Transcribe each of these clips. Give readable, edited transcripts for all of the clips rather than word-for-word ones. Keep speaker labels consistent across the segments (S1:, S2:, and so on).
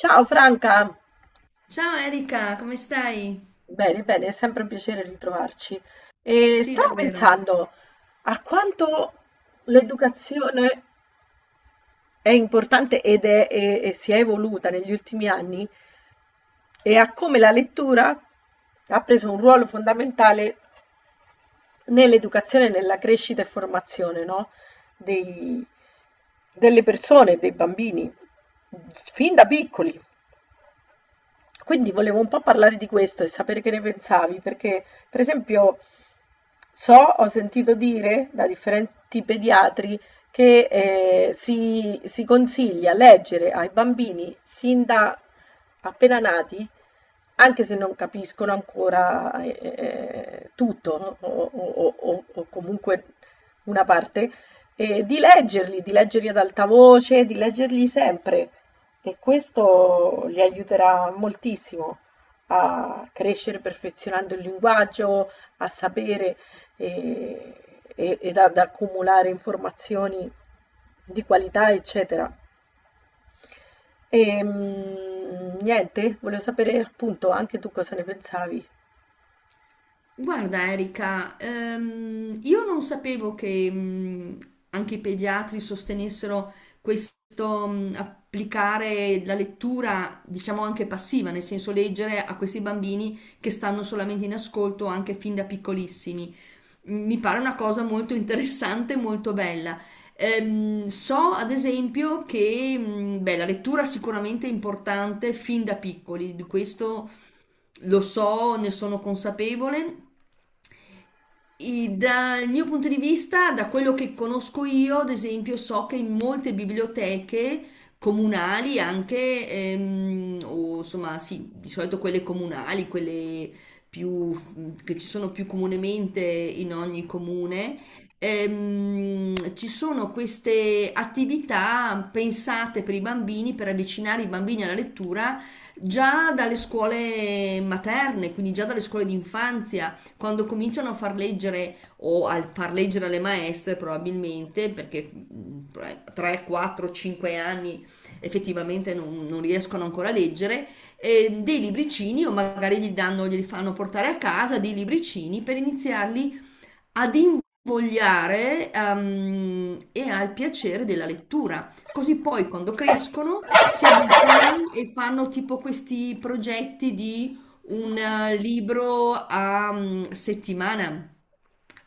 S1: Ciao Franca,
S2: Ciao Erika, come stai?
S1: bene, bene, è sempre un piacere ritrovarci. E
S2: Sì,
S1: stavo
S2: davvero.
S1: pensando a quanto l'educazione è importante e si è evoluta negli ultimi anni e a come la lettura ha preso un ruolo fondamentale nell'educazione, e nella crescita e formazione, no? dei- delle persone, dei bambini, fin da piccoli. Quindi volevo un po' parlare di questo e sapere che ne pensavi, perché per esempio so, ho sentito dire da differenti pediatri che si consiglia leggere ai bambini sin da appena nati anche se non capiscono ancora, tutto no? O comunque una parte, di leggerli ad alta voce, di leggerli sempre e questo li aiuterà moltissimo a crescere perfezionando il linguaggio, a sapere, ehm, e ed ad accumulare informazioni di qualità, eccetera. Niente, volevo sapere appunto anche tu cosa ne pensavi.
S2: Guarda Erika, io non sapevo che anche i pediatri sostenessero questo applicare la lettura, diciamo anche passiva, nel senso leggere a questi bambini che stanno solamente in ascolto anche fin da piccolissimi. Mi pare una cosa molto interessante, molto bella. So ad esempio che beh, la lettura sicuramente è importante fin da piccoli, di questo. Lo so, ne sono consapevole, dal mio punto di vista, da quello che conosco io, ad esempio, so che in molte biblioteche comunali anche, o insomma, sì, di solito quelle comunali, quelle più, che ci sono più comunemente in ogni comune, ci sono queste attività pensate per i bambini, per avvicinare i bambini alla lettura già dalle scuole materne, quindi già dalle scuole di infanzia quando cominciano a far leggere o a far leggere alle maestre probabilmente perché 3, 4, 5 anni effettivamente non riescono ancora a leggere dei libricini o magari gli danno, glieli fanno portare a casa dei libricini per iniziarli ad invogliare e al piacere della lettura. Così poi quando crescono si abituano e fanno tipo questi progetti di un libro a settimana.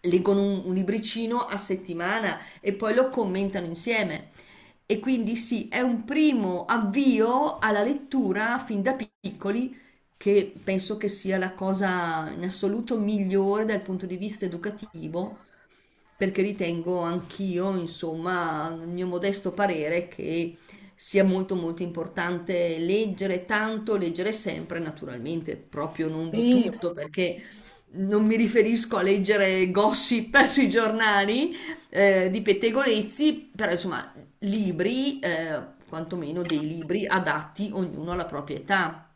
S2: Leggono un libricino a settimana e poi lo commentano insieme. E quindi sì, è un primo avvio alla lettura fin da piccoli che penso che sia la cosa in assoluto migliore dal punto di vista educativo perché ritengo anch'io, insomma, il mio modesto parere che sia molto molto importante leggere tanto, leggere sempre, naturalmente, proprio non di
S1: Sì,
S2: tutto, perché non mi riferisco a leggere gossip sui giornali di pettegolezzi, però insomma, libri, quantomeno dei libri adatti ognuno alla propria età.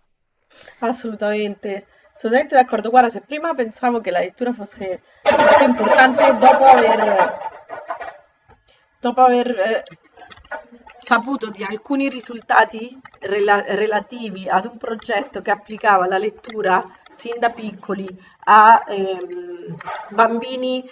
S1: assolutamente, assolutamente d'accordo. Guarda, se prima pensavo che la lettura fosse importante dopo aver saputo di alcuni risultati relativi ad un progetto che applicava la lettura sin da piccoli a bambini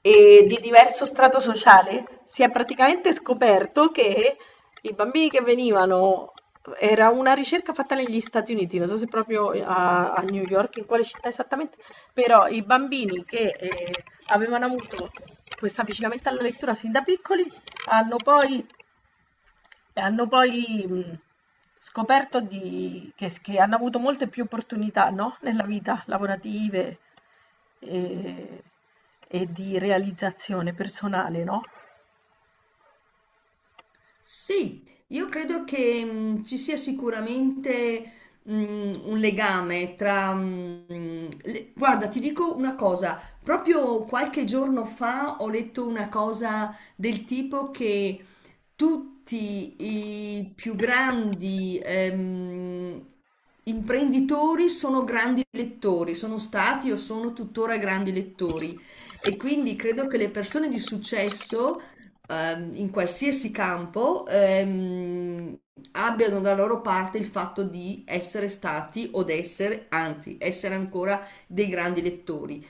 S1: di diverso strato sociale, si è praticamente scoperto che i bambini che venivano, era una ricerca fatta negli Stati Uniti, non so se proprio a New York, in quale città esattamente, però i bambini che avevano avuto questo avvicinamento alla lettura sin da piccoli hanno poi, hanno poi scoperto che hanno avuto molte più opportunità, no? Nella vita lavorative e, e di realizzazione personale, no?
S2: Sì, io credo che ci sia sicuramente mh, un legame tra... le- Guarda, ti dico una cosa, proprio qualche giorno fa ho letto una cosa del tipo che tutti i più grandi imprenditori sono grandi lettori, sono stati o sono tuttora grandi lettori e quindi credo che le persone di successo in qualsiasi campo abbiano da loro parte il fatto di essere stati o d'essere, anzi, essere ancora dei grandi lettori.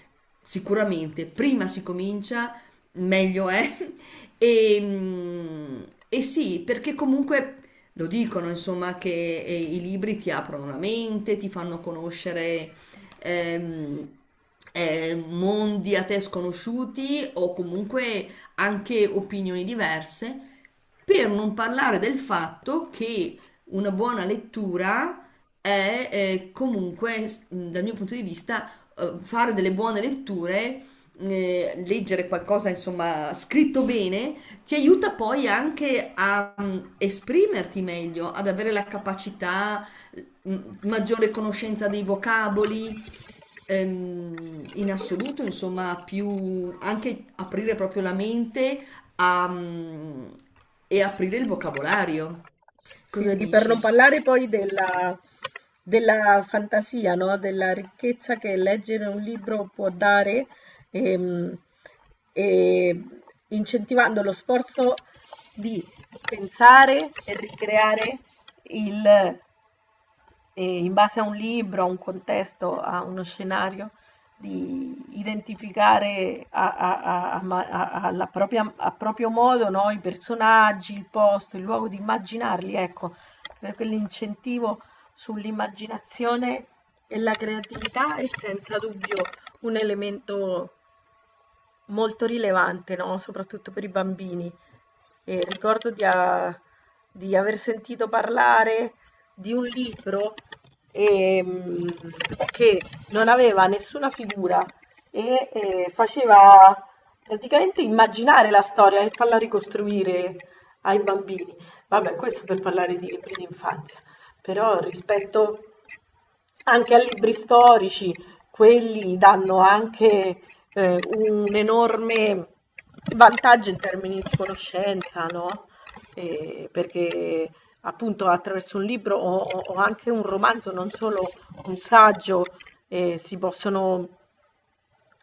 S2: Sicuramente, prima si comincia, meglio è. E, mm, e sì, perché comunque lo dicono, insomma, che i libri ti aprono la mente, ti fanno conoscere ehm, mondi a te sconosciuti o comunque anche opinioni diverse, per non parlare del fatto che una buona lettura è comunque, dal mio punto di vista, fare delle buone letture, leggere qualcosa, insomma, scritto bene, ti aiuta poi anche a esprimerti meglio, ad avere la capacità, mh, maggiore conoscenza dei vocaboli, in assoluto, insomma, più anche aprire proprio la mente a, e aprire il vocabolario.
S1: Sì,
S2: Cosa
S1: sì, per non
S2: dici?
S1: parlare della fantasia, no? Della ricchezza che leggere un libro può dare, ehm, e incentivando lo sforzo di pensare e ricreare il, in base a un libro, a un contesto, a uno scenario, di identificare a proprio modo, no, i personaggi, il posto, il luogo, di immaginarli, ecco, per quell'incentivo sull'immaginazione e la creatività è senza dubbio un elemento molto rilevante, no? Soprattutto per i bambini. E ricordo di aver sentito parlare di un libro ehm, che non aveva nessuna figura e faceva praticamente immaginare la storia e farla ricostruire ai bambini. Vabbè, questo per parlare di libri d'infanzia, però rispetto anche a libri storici, quelli danno anche un enorme vantaggio in termini di conoscenza, no? Perché appunto attraverso un libro o anche un romanzo, non solo un saggio, eh, si possono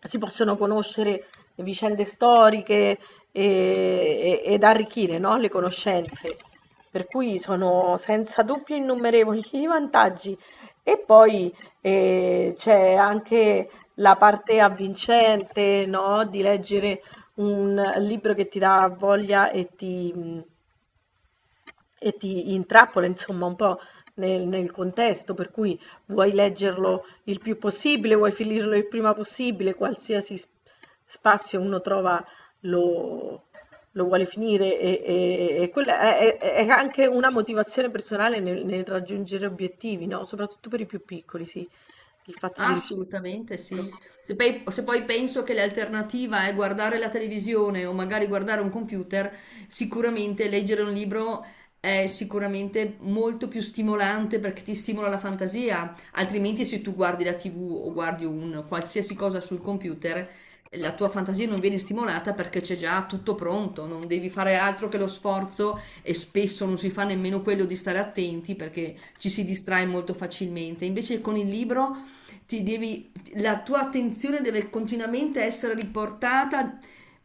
S1: si possono conoscere vicende storiche ed arricchire, no, le conoscenze. Per cui sono senza dubbio innumerevoli i vantaggi. E poi c'è anche la parte avvincente, no, di leggere un libro che ti dà voglia e ti intrappola insomma un po' nel contesto, per cui vuoi leggerlo il più possibile, vuoi finirlo il prima possibile, qualsiasi spazio uno trova lo, lo vuole finire e quella è anche una motivazione personale nel raggiungere obiettivi, no? Soprattutto per i più piccoli, sì, il fatto di riuscire a finire
S2: Assolutamente
S1: il
S2: sì.
S1: libro.
S2: Se poi penso che l'alternativa è guardare la televisione o magari guardare un computer, sicuramente leggere un libro è sicuramente molto più stimolante perché ti stimola la fantasia. Altrimenti, se tu guardi la TV o guardi un qualsiasi cosa sul computer, la tua fantasia non viene stimolata perché c'è già tutto pronto, non devi fare altro che lo sforzo e spesso non si fa nemmeno quello di stare attenti perché ci si distrae molto facilmente. Invece con il libro la tua attenzione deve continuamente essere riportata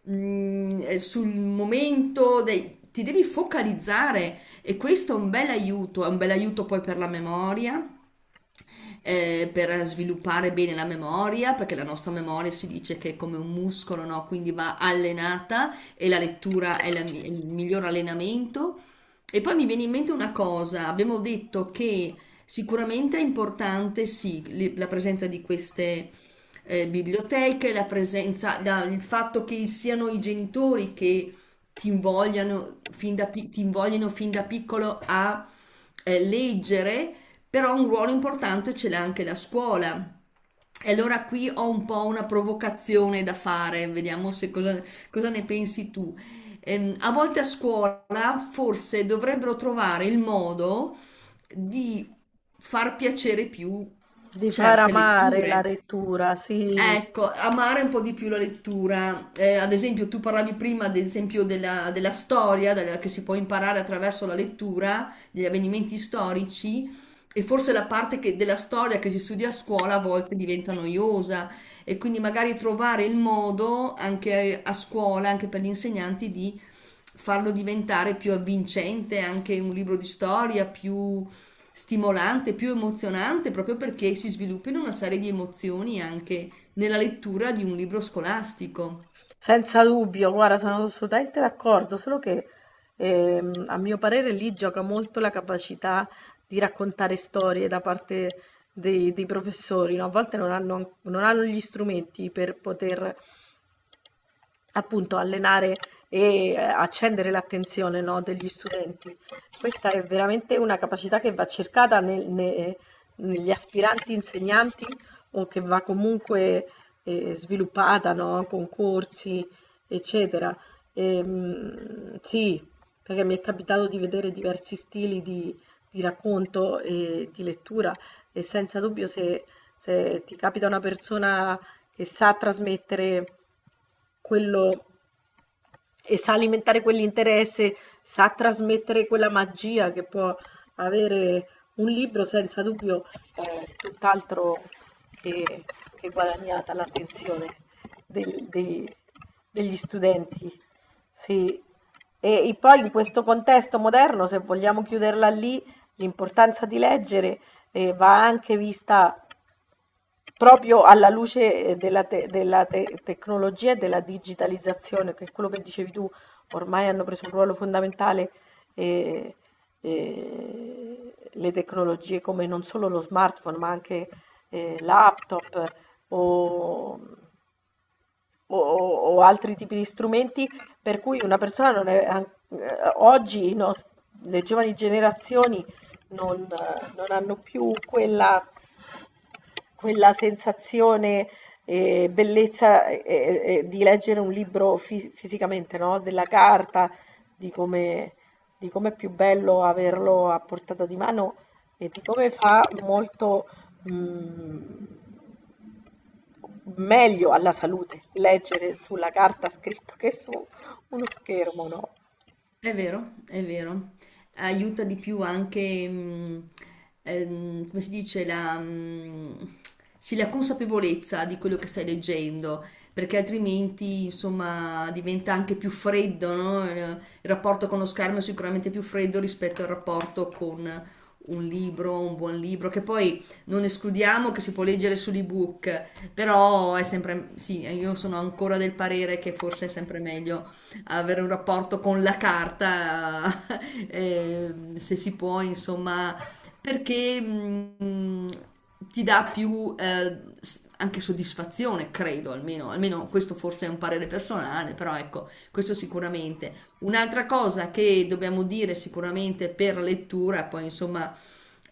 S2: sul momento, ti devi focalizzare e questo è un bel aiuto, è un bel aiuto poi per la memoria per sviluppare bene la memoria, perché la nostra memoria si dice che è come un muscolo, no? Quindi va allenata e la lettura è il miglior allenamento. E poi mi viene in mente una cosa, abbiamo detto che sicuramente è importante, sì, la presenza di queste biblioteche, la presenza, il fatto che siano i genitori che ti invoglino fin da piccolo a leggere però un ruolo importante ce l'ha anche la scuola. E allora qui ho un po' una provocazione da fare, vediamo se cosa, cosa ne pensi tu. A volte a scuola forse dovrebbero trovare il modo di far piacere più
S1: Di far
S2: certe
S1: amare la
S2: letture.
S1: lettura, sì.
S2: Ecco, amare un po' di più la lettura. Ad esempio, tu parlavi prima, ad esempio, della storia che si può imparare attraverso la lettura, degli avvenimenti storici, e forse la parte della storia che si studia a scuola a volte diventa noiosa, e quindi magari trovare il modo anche a scuola, anche per gli insegnanti, di farlo diventare più avvincente, anche un libro di storia più stimolante, più emozionante, proprio perché si sviluppino una serie di emozioni anche nella lettura di un libro scolastico.
S1: Senza dubbio, guarda, sono assolutamente d'accordo, solo che a mio parere lì gioca molto la capacità di raccontare storie da parte dei professori, no? A volte non hanno gli strumenti per poter appunto allenare e accendere l'attenzione, no, degli studenti. Questa è veramente una capacità che va cercata negli aspiranti insegnanti o che va comunque sviluppata, no, con corsi, eccetera. Sì, perché mi è capitato di vedere diversi stili di racconto e di lettura e senza dubbio se ti capita una persona che sa trasmettere quello e sa alimentare quell'interesse, sa trasmettere quella magia che può avere un libro, senza dubbio è tutt'altro che, che guadagnata l'attenzione del- dei- degli studenti. Sì. E poi in questo contesto moderno, se vogliamo chiuderla lì, l'importanza di leggere va anche vista proprio alla luce tecnologia e della digitalizzazione, che è quello che dicevi tu, ormai hanno preso un ruolo fondamentale eh, le tecnologie come non solo lo smartphone, ma anche laptop o, o altri tipi di strumenti, per cui una persona non è, an- oggi i nos- le giovani generazioni non, non hanno più quella sensazione e bellezza, di leggere un libro fi fisicamente, no, della carta, di come di com'è più bello averlo a portata di mano e di come fa molto, mhmm, meglio alla salute leggere sulla carta scritto che su uno schermo, no?
S2: È vero, è vero. Aiuta di più anche, come si dice, sì, la consapevolezza di quello che stai leggendo, perché altrimenti, insomma, diventa anche più freddo, no? Il rapporto con lo schermo è sicuramente più freddo rispetto al rapporto con un libro, un buon libro, che poi non escludiamo che si può leggere sull'ebook, però è sempre, sì, io sono ancora del parere che forse è sempre meglio avere un rapporto con la carta, se si può, insomma, perché ti dà più anche soddisfazione, credo, almeno, almeno questo forse è un parere personale, però ecco, questo sicuramente. Un'altra cosa che dobbiamo dire sicuramente per lettura, poi insomma,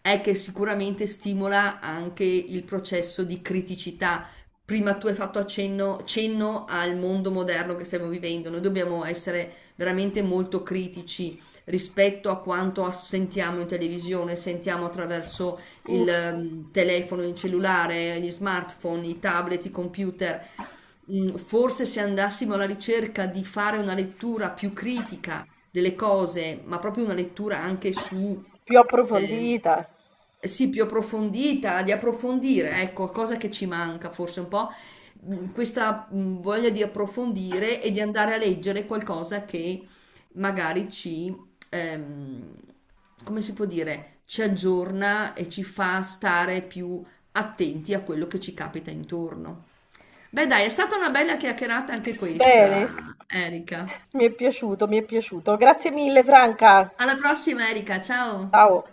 S2: è che sicuramente stimola anche il processo di criticità. Prima tu hai fatto cenno al mondo moderno che stiamo vivendo. Noi dobbiamo essere veramente molto critici rispetto a quanto sentiamo in televisione, sentiamo attraverso il
S1: Uff,
S2: telefono, il cellulare, gli smartphone, i tablet, i computer. Forse se andassimo alla ricerca di fare una lettura più critica delle cose, ma proprio una lettura anche
S1: più
S2: eh,
S1: approfondita.
S2: sì, più approfondita, di approfondire, ecco, cosa che ci manca forse un po', questa voglia di approfondire e di andare a leggere qualcosa che magari come si può dire, ci aggiorna e ci fa stare più attenti a quello che ci capita intorno. Beh, dai, è stata una bella chiacchierata anche questa,
S1: Bene,
S2: Erika.
S1: mi è piaciuto, mi è piaciuto. Grazie mille Franca.
S2: Alla prossima, Erika. Ciao.
S1: Ciao.